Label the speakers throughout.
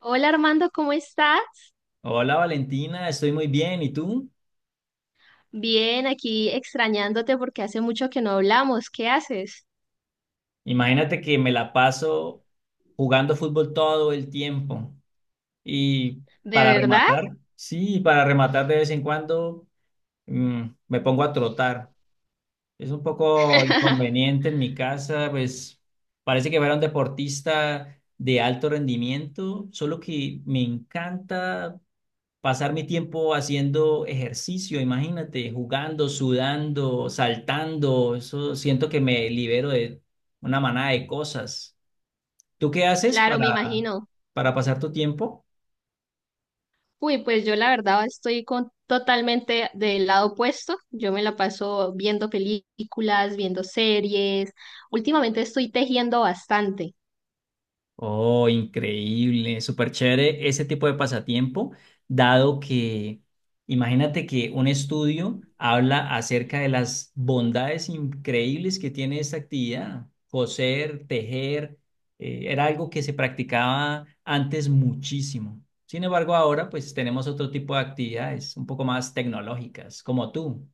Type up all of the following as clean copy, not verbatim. Speaker 1: Hola Armando, ¿cómo estás?
Speaker 2: Hola Valentina, estoy muy bien. ¿Y tú?
Speaker 1: Bien, aquí extrañándote porque hace mucho que no hablamos. ¿Qué haces?
Speaker 2: Imagínate que me la paso jugando fútbol todo el tiempo. Y
Speaker 1: ¿De
Speaker 2: para
Speaker 1: verdad?
Speaker 2: rematar, sí, para rematar de vez en cuando mm, me pongo a trotar. Es un poco inconveniente en mi casa, pues parece que fuera un deportista de alto rendimiento, solo que me encanta pasar mi tiempo haciendo ejercicio, imagínate, jugando, sudando, saltando, eso siento que me libero de una manada de cosas. ¿Tú qué haces
Speaker 1: Claro, me imagino.
Speaker 2: para pasar tu tiempo?
Speaker 1: Uy, pues yo la verdad estoy con totalmente del lado opuesto. Yo me la paso viendo películas, viendo series. Últimamente estoy tejiendo bastante.
Speaker 2: Oh, increíble, súper chévere ese tipo de pasatiempo, dado que imagínate que un estudio habla acerca de las bondades increíbles que tiene esta actividad. Coser, tejer, era algo que se practicaba antes muchísimo. Sin embargo, ahora pues tenemos otro tipo de actividades un poco más tecnológicas, como tú.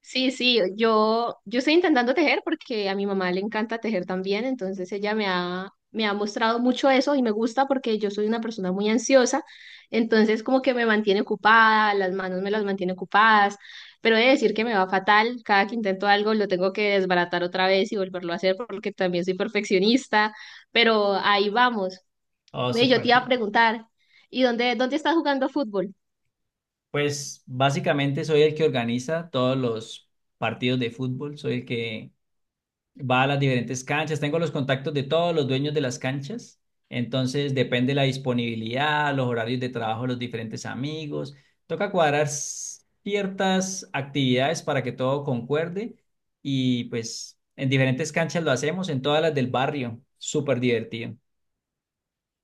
Speaker 1: Sí, sí, yo estoy intentando tejer porque a mi mamá le encanta tejer también, entonces ella me ha mostrado mucho eso y me gusta porque yo soy una persona muy ansiosa, entonces como que me mantiene ocupada, las manos me las mantiene ocupadas, pero he de decir que me va fatal, cada que intento algo lo tengo que desbaratar otra vez y volverlo a hacer porque también soy perfeccionista, pero ahí vamos.
Speaker 2: Oh,
Speaker 1: Ve, yo te
Speaker 2: súper.
Speaker 1: iba a preguntar, ¿y dónde estás jugando fútbol?
Speaker 2: Pues básicamente soy el que organiza todos los partidos de fútbol, soy el que va a las diferentes canchas, tengo los contactos de todos los dueños de las canchas, entonces depende la disponibilidad, los horarios de trabajo de los diferentes amigos, toca cuadrar ciertas actividades para que todo concuerde y pues en diferentes canchas lo hacemos, en todas las del barrio, súper divertido.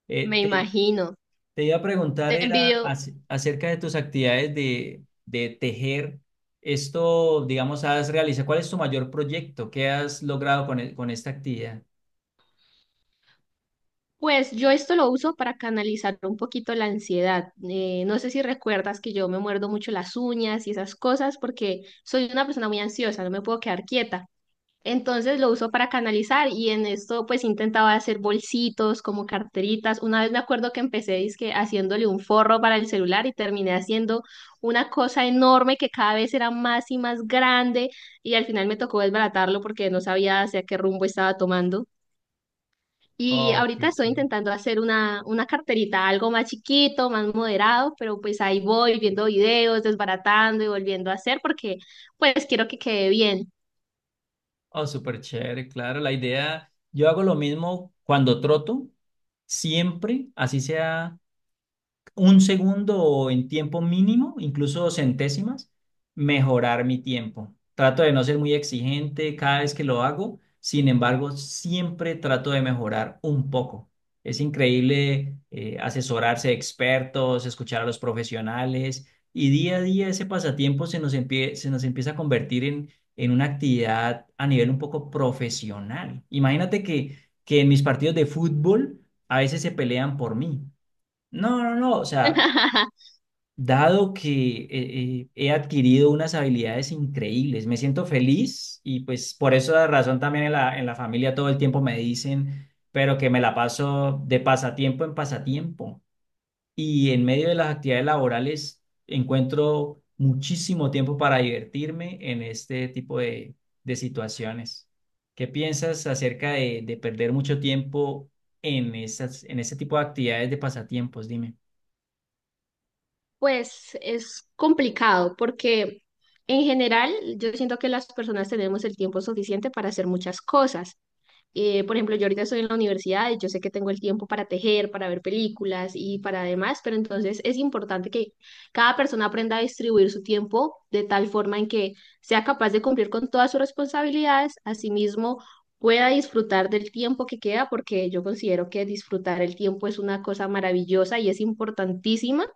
Speaker 2: Eh,
Speaker 1: Me
Speaker 2: te,
Speaker 1: imagino.
Speaker 2: te iba a preguntar,
Speaker 1: Te
Speaker 2: era
Speaker 1: envidio.
Speaker 2: acerca de tus actividades de tejer. Esto, digamos, has realizado, ¿cuál es tu mayor proyecto? ¿Qué has logrado con esta actividad?
Speaker 1: Pues yo esto lo uso para canalizar un poquito la ansiedad. No sé si recuerdas que yo me muerdo mucho las uñas y esas cosas porque soy una persona muy ansiosa, no me puedo quedar quieta. Entonces lo uso para canalizar y en esto pues intentaba hacer bolsitos como carteritas. Una vez me acuerdo que empecé dizque haciéndole un forro para el celular y terminé haciendo una cosa enorme que cada vez era más y más grande y al final me tocó desbaratarlo porque no sabía hacia qué rumbo estaba tomando. Y
Speaker 2: Oh,
Speaker 1: ahorita
Speaker 2: qué
Speaker 1: estoy
Speaker 2: chévere.
Speaker 1: intentando hacer una carterita, algo más chiquito, más moderado, pero pues ahí voy viendo videos, desbaratando y volviendo a hacer porque pues quiero que quede bien.
Speaker 2: Oh, súper chévere, claro. La idea, yo hago lo mismo cuando troto, siempre, así sea un segundo en tiempo mínimo, incluso centésimas, mejorar mi tiempo. Trato de no ser muy exigente cada vez que lo hago, sin embargo, siempre trato de mejorar un poco. Es increíble, asesorarse de expertos, escuchar a los profesionales y día a día ese pasatiempo se nos empieza a convertir en una actividad a nivel un poco profesional. Imagínate que en mis partidos de fútbol a veces se pelean por mí. No, no, no, o sea, dado que he adquirido unas habilidades increíbles, me siento feliz y pues por esa razón también en en la familia todo el tiempo me dicen, pero que me la paso de pasatiempo en pasatiempo y en medio de las actividades laborales encuentro muchísimo tiempo para divertirme en este tipo de situaciones. ¿Qué piensas acerca de perder mucho tiempo en ese tipo de actividades de pasatiempos? Dime.
Speaker 1: Pues es complicado porque en general yo siento que las personas tenemos el tiempo suficiente para hacer muchas cosas. Por ejemplo, yo ahorita estoy en la universidad y yo sé que tengo el tiempo para tejer, para ver películas y para demás, pero entonces es importante que cada persona aprenda a distribuir su tiempo de tal forma en que sea capaz de cumplir con todas sus responsabilidades, asimismo pueda disfrutar del tiempo que queda, porque yo considero que disfrutar el tiempo es una cosa maravillosa y es importantísima,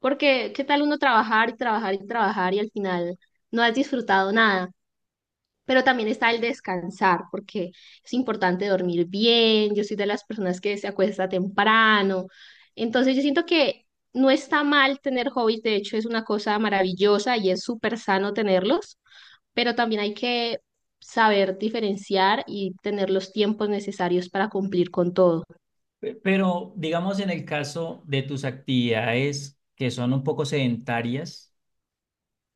Speaker 1: porque qué tal uno trabajar y trabajar y trabajar y al final no has disfrutado nada. Pero también está el descansar, porque es importante dormir bien. Yo soy de las personas que se acuesta temprano. Entonces, yo siento que no está mal tener hobbies. De hecho, es una cosa maravillosa y es súper sano tenerlos. Pero también hay que saber diferenciar y tener los tiempos necesarios para cumplir con todo.
Speaker 2: Pero digamos en el caso de tus actividades que son un poco sedentarias,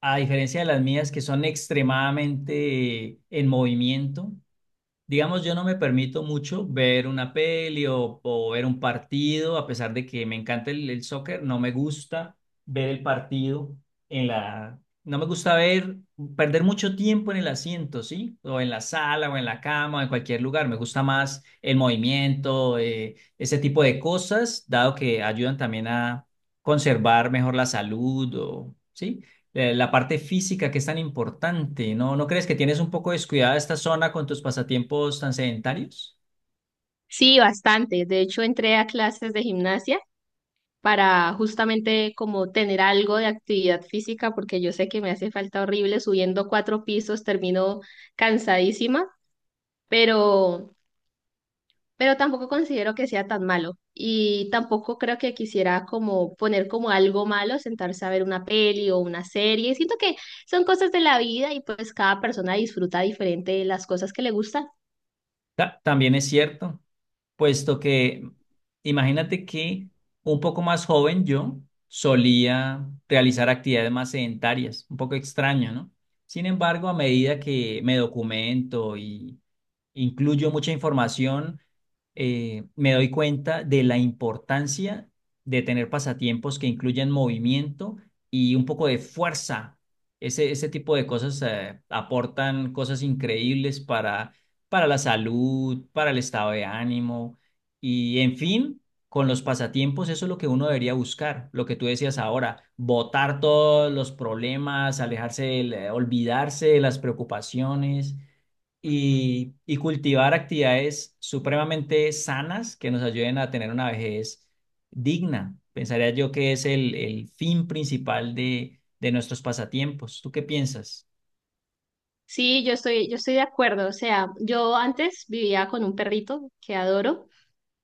Speaker 2: a diferencia de las mías que son extremadamente en movimiento. Digamos, yo no me permito mucho ver una peli o ver un partido, a pesar de que me encanta el soccer, no me gusta ver el partido en la... No me gusta ver, perder mucho tiempo en el asiento, ¿sí? O en la sala, o en la cama, o en cualquier lugar. Me gusta más el movimiento, ese tipo de cosas, dado que ayudan también a conservar mejor la salud, o, ¿sí?, la parte física que es tan importante, ¿no? ¿No crees que tienes un poco descuidada esta zona con tus pasatiempos tan sedentarios?
Speaker 1: Sí, bastante. De hecho, entré a clases de gimnasia para justamente como tener algo de actividad física, porque yo sé que me hace falta horrible subiendo cuatro pisos, termino cansadísima, pero tampoco considero que sea tan malo y tampoco creo que quisiera como poner como algo malo sentarse a ver una peli o una serie. Siento que son cosas de la vida y pues cada persona disfruta diferente de las cosas que le gustan.
Speaker 2: También es cierto, puesto que imagínate que un poco más joven yo solía realizar actividades más sedentarias, un poco extraño, ¿no? Sin embargo, a medida que me documento y incluyo mucha información, me doy cuenta de la importancia de tener pasatiempos que incluyan movimiento y un poco de fuerza. Ese tipo de cosas, aportan cosas increíbles para la salud, para el estado de ánimo y en fin, con los pasatiempos eso es lo que uno debería buscar, lo que tú decías ahora, botar todos los problemas, alejarse, olvidarse de las preocupaciones y cultivar actividades supremamente sanas que nos ayuden a tener una vejez digna. Pensaría yo que es el fin principal de nuestros pasatiempos. ¿Tú qué piensas?
Speaker 1: Sí, yo estoy de acuerdo. O sea, yo antes vivía con un perrito que adoro.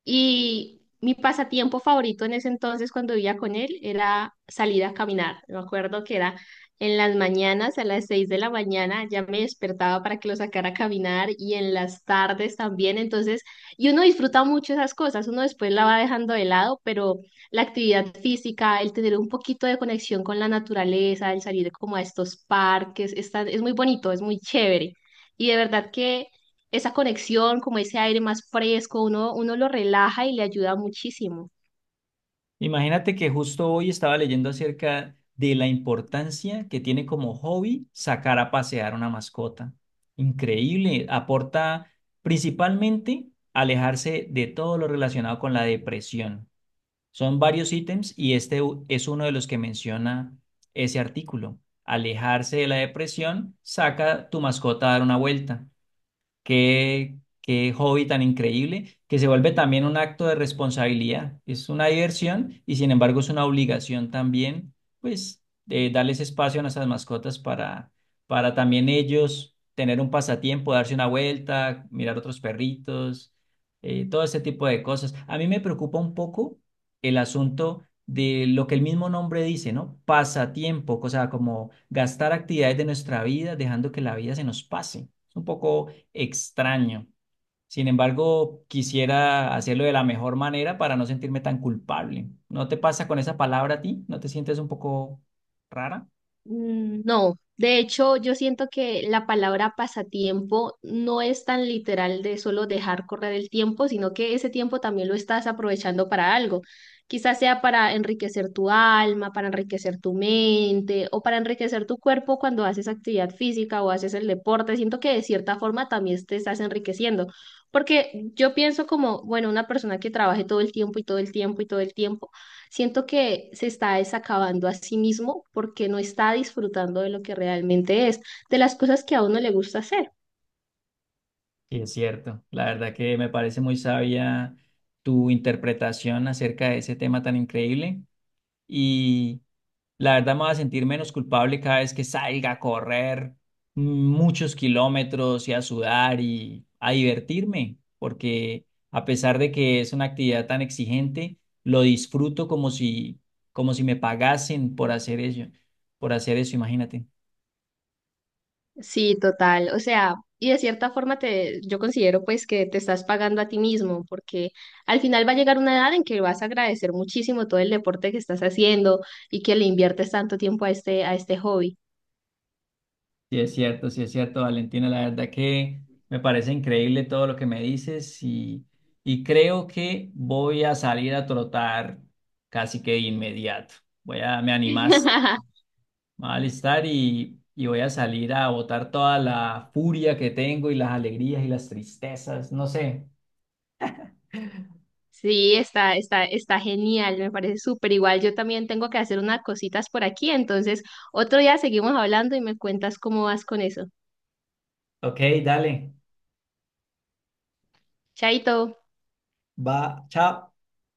Speaker 1: Y mi pasatiempo favorito en ese entonces, cuando vivía con él, era salir a caminar. Me acuerdo que era en las mañanas, a las 6 de la mañana, ya me despertaba para que lo sacara a caminar y en las tardes también. Entonces, y uno disfruta mucho esas cosas, uno después la va dejando de lado, pero la actividad física, el tener un poquito de conexión con la naturaleza, el salir como a estos parques, es muy bonito, es muy chévere. Y de verdad que esa conexión, como ese aire más fresco, uno lo relaja y le ayuda muchísimo.
Speaker 2: Imagínate que justo hoy estaba leyendo acerca de la importancia que tiene como hobby sacar a pasear una mascota. Increíble, aporta principalmente alejarse de todo lo relacionado con la depresión. Son varios ítems y es uno de los que menciona ese artículo. Alejarse de la depresión, saca tu mascota a dar una vuelta. Qué hobby tan increíble, que se vuelve también un acto de responsabilidad. Es una diversión y sin embargo es una obligación también, pues, de darles espacio a nuestras mascotas para también ellos tener un pasatiempo, darse una vuelta, mirar otros perritos, todo ese tipo de cosas. A mí me preocupa un poco el asunto de lo que el mismo nombre dice, ¿no? Pasatiempo, o sea, como gastar actividades de nuestra vida, dejando que la vida se nos pase. Es un poco extraño. Sin embargo, quisiera hacerlo de la mejor manera para no sentirme tan culpable. ¿No te pasa con esa palabra a ti? ¿No te sientes un poco rara?
Speaker 1: Mm, no, de hecho yo siento que la palabra pasatiempo no es tan literal de solo dejar correr el tiempo, sino que ese tiempo también lo estás aprovechando para algo. Quizás sea para enriquecer tu alma, para enriquecer tu mente o para enriquecer tu cuerpo cuando haces actividad física o haces el deporte. Siento que de cierta forma también te estás enriqueciendo, porque yo pienso como, bueno, una persona que trabaje todo el tiempo y todo el tiempo y todo el tiempo. Siento que se está desacabando a sí mismo porque no está disfrutando de lo que realmente es, de las cosas que a uno le gusta hacer.
Speaker 2: Sí, es cierto. La verdad que me parece muy sabia tu interpretación acerca de ese tema tan increíble. Y la verdad me voy a sentir menos culpable cada vez que salga a correr muchos kilómetros y a sudar y a divertirme, porque a pesar de que es una actividad tan exigente, lo disfruto como si me pagasen por hacer ello, por hacer eso, imagínate.
Speaker 1: Sí, total. O sea, y de cierta forma te, yo considero pues que te estás pagando a ti mismo porque al final va a llegar una edad en que vas a agradecer muchísimo todo el deporte que estás haciendo y que le inviertes tanto tiempo a este hobby.
Speaker 2: Sí es cierto, Valentina. La verdad que me parece increíble todo lo que me dices y creo que voy a salir a trotar casi que de inmediato. Voy a, me animas, me voy a alistar y voy a salir a botar toda la furia que tengo y las alegrías y las tristezas, no sé.
Speaker 1: Sí, está genial, me parece súper igual. Yo también tengo que hacer unas cositas por aquí, entonces otro día seguimos hablando y me cuentas cómo vas con eso.
Speaker 2: Ok, dale,
Speaker 1: Chaito.
Speaker 2: va, chao.